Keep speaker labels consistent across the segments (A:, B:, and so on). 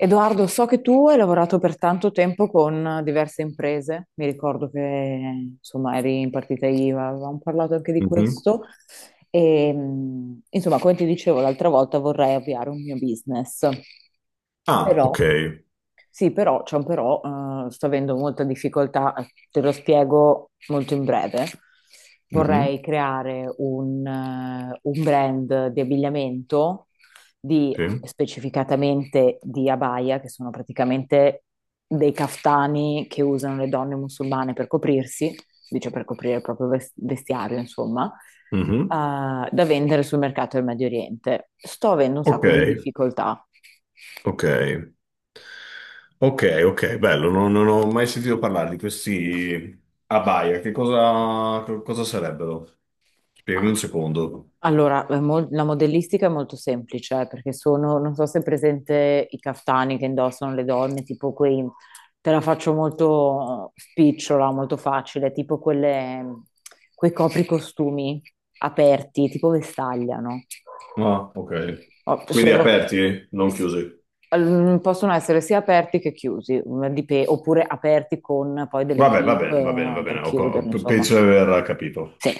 A: Edoardo, so che tu hai lavorato per tanto tempo con diverse imprese, mi ricordo che insomma eri in partita IVA, avevamo parlato anche di
B: Mhm.
A: questo e insomma come ti dicevo l'altra volta vorrei avviare un mio business,
B: Ah,
A: però
B: ok.
A: sì, però c'è un però, sto avendo molta difficoltà, te lo spiego molto in breve.
B: Mhm,
A: Vorrei creare un brand di abbigliamento di
B: sì.
A: specificatamente di abaya, che sono praticamente dei caftani che usano le donne musulmane per coprirsi, dice per coprire il proprio vestiario, insomma,
B: Mhm.
A: da vendere sul mercato del Medio Oriente. Sto avendo un
B: Ok,
A: sacco di difficoltà.
B: ok, ok, ok, bello, non ho mai sentito parlare di questi abaya. Che cosa sarebbero? Spiegami un secondo.
A: Allora, la modellistica è molto semplice, perché sono, non so se è presente i caftani che indossano le donne, tipo quei, te la faccio molto spicciola, molto facile, tipo quelle, quei copricostumi aperti, tipo vestaglia, no?
B: Ah, ok.
A: Oh,
B: Quindi
A: solo che
B: aperti, non chiusi.
A: mm, possono essere sia aperti che chiusi, mm, oppure aperti con poi delle
B: Vabbè, va
A: clip
B: bene, va bene, va
A: per
B: bene.
A: chiuderli, insomma.
B: Penso di aver capito.
A: Sì,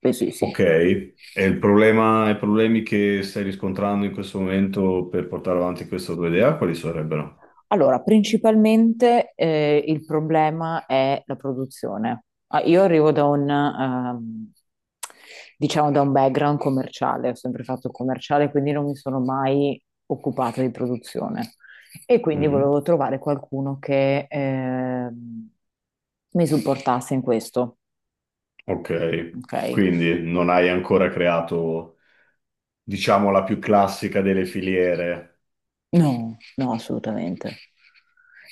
A: sì, sì,
B: Ok.
A: sì.
B: E il problema, i problemi che stai riscontrando in questo momento per portare avanti questa tua idea, quali sarebbero?
A: Allora, principalmente il problema è la produzione. Ah, io arrivo da diciamo, da un background commerciale, ho sempre fatto il commerciale, quindi non mi sono mai occupata di produzione. E quindi
B: Mm-hmm.
A: volevo trovare qualcuno che mi supportasse in questo,
B: Ok,
A: ok?
B: quindi non hai ancora creato, diciamo, la più classica delle filiere.
A: No, no, assolutamente.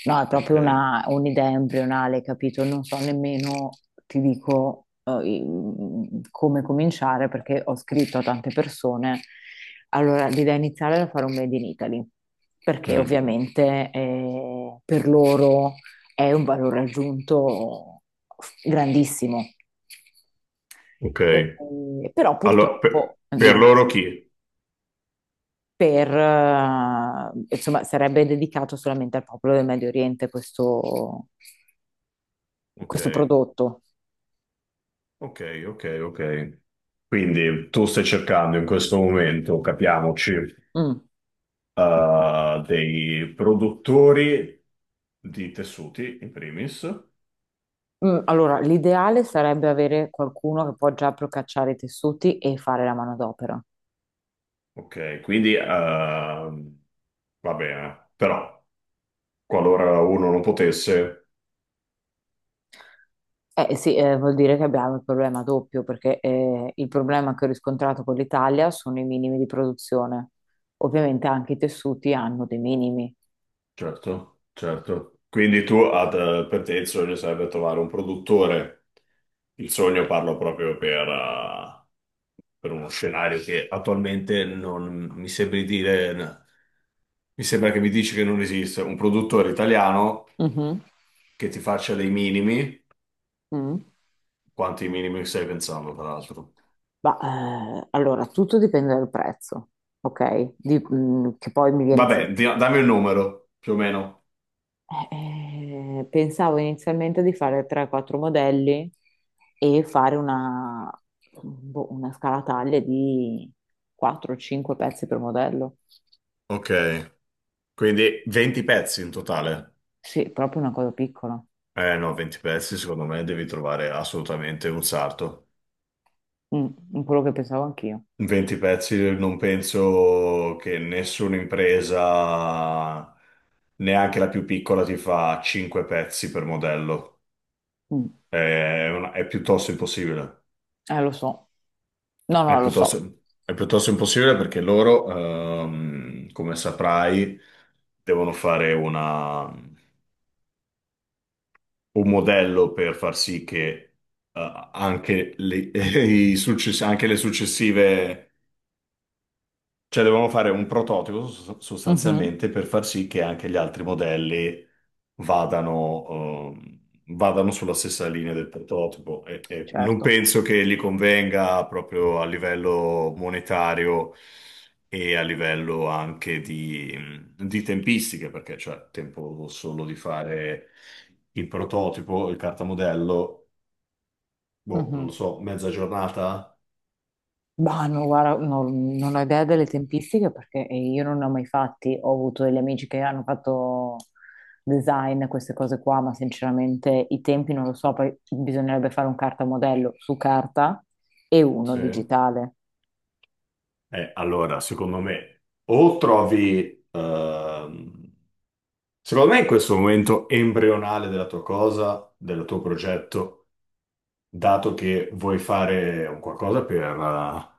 A: No, è
B: Ok,
A: proprio un'idea embrionale, capito? Non so nemmeno, ti dico, come cominciare perché ho scritto a tante persone. Allora, l'idea iniziale era fare un Made in Italy, perché
B: mm,
A: ovviamente per loro è un valore aggiunto grandissimo.
B: ok.
A: Però
B: Allora,
A: purtroppo,
B: per
A: dimmi
B: loro chi?
A: per, insomma, sarebbe dedicato solamente al popolo del Medio Oriente questo,
B: Ok,
A: questo prodotto.
B: ok, ok, ok. Quindi tu stai cercando in questo momento, capiamoci,
A: Mm.
B: dei produttori di tessuti, in primis.
A: Mm, allora, l'ideale sarebbe avere qualcuno che può già procacciare i tessuti e fare la manodopera.
B: Ok, quindi va bene, però qualora uno non potesse.
A: Eh sì, vuol dire che abbiamo il problema doppio, perché il problema che ho riscontrato con l'Italia sono i minimi di produzione. Ovviamente anche i tessuti hanno dei minimi.
B: Certo, certo. Quindi tu, per te il sogno sarebbe trovare un produttore. Il sogno parlo proprio per uno scenario che attualmente non mi sembri dire, mi sembra che mi dici che non esiste. Un produttore italiano
A: Mhm.
B: che ti faccia dei minimi.
A: Mm.
B: Quanti minimi stai pensando, tra l'altro?
A: Ma, allora, tutto dipende dal prezzo, ok? Mm, che poi mi viene...
B: Vabbè, dammi un numero, più o meno.
A: Pensavo inizialmente di fare 3-4 modelli e fare una, boh, una scala taglia di 4-5 pezzi per modello.
B: Ok, quindi 20 pezzi in totale.
A: Sì, proprio una cosa piccola.
B: Eh no, 20 pezzi secondo me devi trovare assolutamente un sarto.
A: Mm, quello che pensavo anch'io.
B: 20 pezzi non penso che nessuna impresa, neanche la più piccola, ti fa 5 pezzi per modello.
A: Mm.
B: È piuttosto impossibile.
A: Lo so. No,
B: È
A: no, lo so.
B: piuttosto, è piuttosto impossibile perché loro, come saprai, devono fare un modello per far sì che eh, anche le, anche le successive. Cioè, dovevamo fare un prototipo sos-
A: Mhm.
B: sostanzialmente per far sì che anche gli altri modelli vadano, ehm, vadano sulla stessa linea del prototipo. E non
A: Certo.
B: penso che gli convenga proprio a livello monetario e a livello anche di tempistiche, perché c'è tempo solo di fare il prototipo, il cartamodello, boh, non lo
A: Mhm.
B: so, mezza giornata?
A: Ma no, guarda, non, non ho idea delle tempistiche perché io non ne ho mai fatti. Ho avuto degli amici che hanno fatto design, queste cose qua, ma sinceramente i tempi non lo so. Poi bisognerebbe fare un cartamodello su carta e uno
B: Sì.
A: digitale.
B: Allora, secondo me, ehm, secondo me in questo momento embrionale della tua cosa, del tuo progetto, dato che vuoi fare un qualcosa per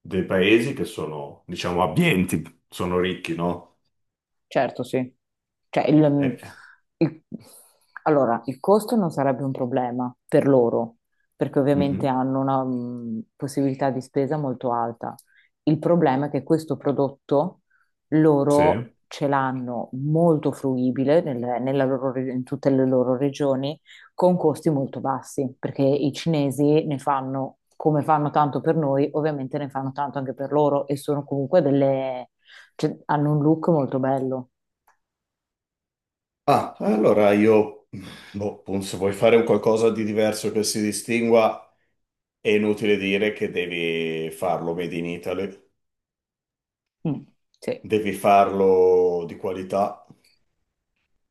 B: dei paesi che sono, diciamo, abbienti, sono ricchi, no?
A: Certo, sì. Cioè, mm,
B: Eh,
A: il- allora, il costo non sarebbe un problema per loro, perché ovviamente
B: mhm,
A: hanno una mm, possibilità di spesa molto alta. Il problema è che questo prodotto
B: sì.
A: loro ce l'hanno molto fruibile nella loro in tutte le loro regioni con costi molto bassi, perché i cinesi ne fanno come fanno tanto per noi, ovviamente ne fanno tanto anche per loro e sono comunque delle, cioè, hanno un look molto bello.
B: Ah, allora io, boh, appunto, se vuoi fare un qualcosa di diverso che si distingua, è inutile dire che devi farlo made in Italy,
A: Mm, sì.
B: devi farlo di qualità.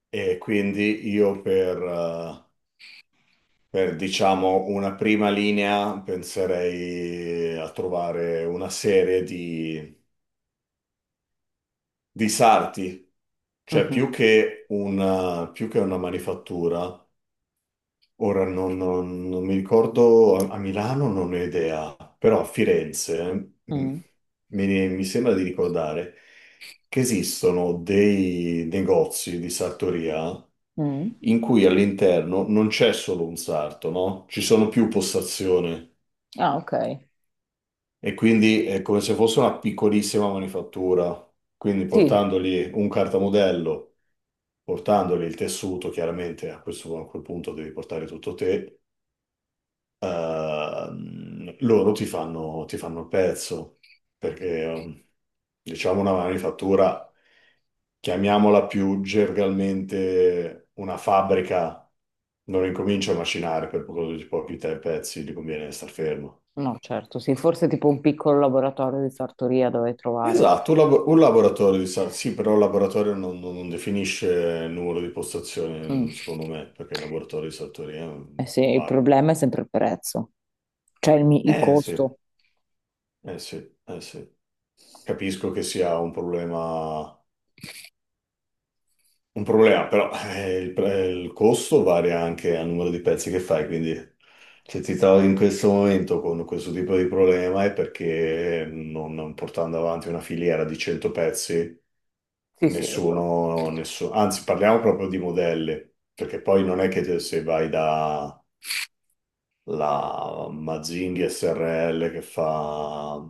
B: E quindi io per, diciamo, una prima linea penserei a trovare una serie di sarti, cioè
A: Mhm,
B: più che una manifattura. Ora non mi ricordo, a Milano non ho idea, però a Firenze
A: mm,
B: mi sembra di ricordare che esistono dei negozi di sartoria
A: mm.
B: in cui all'interno non c'è solo un sarto, no? Ci sono più postazioni
A: Ah, ok.
B: e quindi è come se fosse una piccolissima manifattura. Quindi
A: Sì,
B: portandogli un cartamodello, portandogli il tessuto, chiaramente a questo, a quel punto devi portare tutto te, loro ti fanno il pezzo, perché diciamo, una manifattura, chiamiamola più gergalmente una fabbrica, non incomincia a macinare per produrre pochi te pezzi, gli conviene star fermo.
A: no, certo, sì, forse tipo un piccolo laboratorio di sartoria dove trovare.
B: Esatto, un laboratorio sì, però il laboratorio non definisce il numero di
A: Mm.
B: postazioni, secondo me, perché il laboratorio di sartoria è un
A: Eh sì,
B: po'
A: il
B: vago.
A: problema è sempre il prezzo, cioè il, il
B: Eh sì,
A: costo.
B: eh sì, eh sì. Capisco che sia un problema. Un problema, però il costo varia anche al numero di pezzi che fai, quindi se ti trovi in questo momento con questo tipo di problema è perché non portando avanti una filiera di 100 pezzi,
A: Sì, sì, lo so.
B: nessuno, anzi parliamo proprio di modelli, perché poi non è che se vai da la Mazzinghi SRL che fa,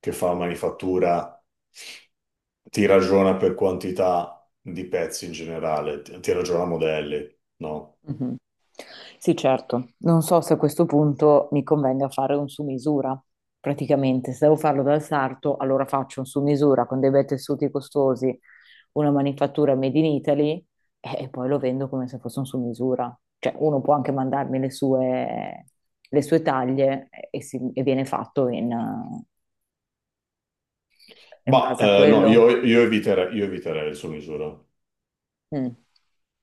B: che fa manifattura ti ragiona per quantità di pezzi in generale, ti ragiona modelli, no?
A: Mhm. Sì, certo. Non so se a questo punto mi convenga fare un su misura. Praticamente, se devo farlo dal sarto, allora faccio un su misura con dei bei tessuti costosi, una manifattura made in Italy e poi lo vendo come se fosse un su misura. Cioè, uno può anche mandarmi le sue taglie e viene fatto in, in
B: Ma
A: base a
B: no,
A: quello.
B: io eviterei il su misura.
A: Mm,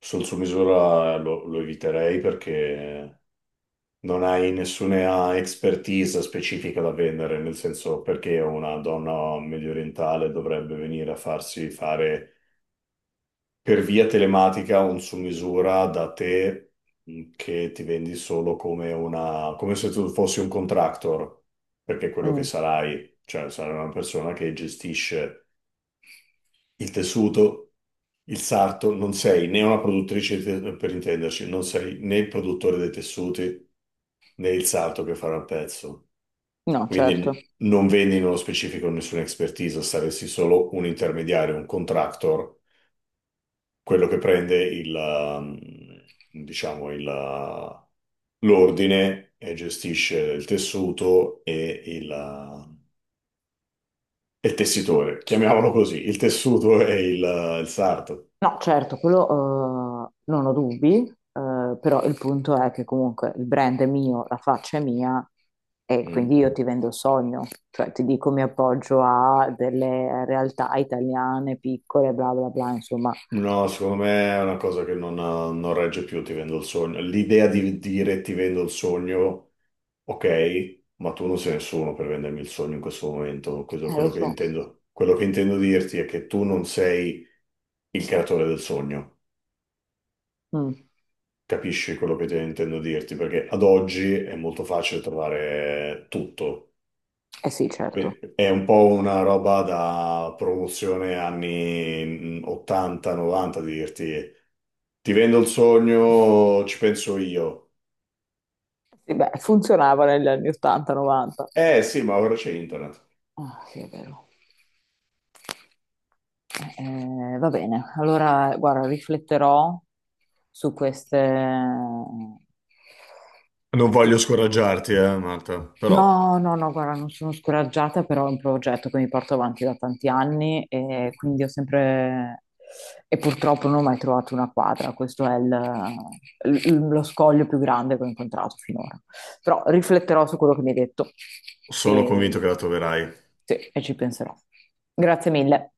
B: Sul su misura lo eviterei perché non hai nessuna expertise specifica da vendere, nel senso perché una donna mediorientale dovrebbe venire a farsi fare per via telematica un su misura da te, che ti vendi solo come come se tu fossi un contractor, perché è quello che
A: mm.
B: sarai, cioè sarai una persona che gestisce il tessuto, il sarto, non sei né una produttrice per intenderci, non sei né il produttore dei tessuti né il sarto che farà il pezzo.
A: No,
B: Quindi
A: certo.
B: non vendi nello specifico nessuna expertise, saresti solo un intermediario, un contractor, quello che prende diciamo, l'ordine e gestisce il tessuto e il tessitore, chiamiamolo così, il
A: Eh,
B: tessuto e il sarto.
A: no, certo, quello non ho dubbi, però il punto è che comunque il brand è mio, la faccia è mia e quindi
B: Mm?
A: io ti vendo il sogno, cioè ti dico mi appoggio a delle realtà italiane piccole, bla bla bla, insomma,
B: No, secondo me è una cosa che non regge più, ti vendo il sogno. L'idea di dire ti vendo il sogno, ok, ma tu non sei nessuno per vendermi il sogno in questo momento. Questo è
A: lo
B: quello che
A: so.
B: intendo. Quello che intendo dirti è che tu non sei il creatore del sogno.
A: Mm.
B: Capisci quello che intendo dirti? Perché ad oggi è molto facile trovare tutto.
A: Eh sì, certo.
B: È un po' una roba da promozione anni 80-90, di dirti ti vendo il sogno, ci penso io.
A: Sì, beh, funzionava negli anni 80-90.
B: Eh sì, ma ora c'è internet.
A: Ah, sì, è vero. Va bene, allora guarda, rifletterò su queste,
B: Non voglio scoraggiarti, Marta, però
A: no, no, no, guarda, non sono scoraggiata, però è un progetto che mi porto avanti da tanti anni e quindi ho sempre... e purtroppo non ho mai trovato una quadra, questo è lo scoglio più grande che ho incontrato finora. Però rifletterò su quello che mi hai detto
B: sono convinto
A: e,
B: che la troverai,
A: sì, e ci penserò. Grazie mille.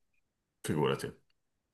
B: figurati.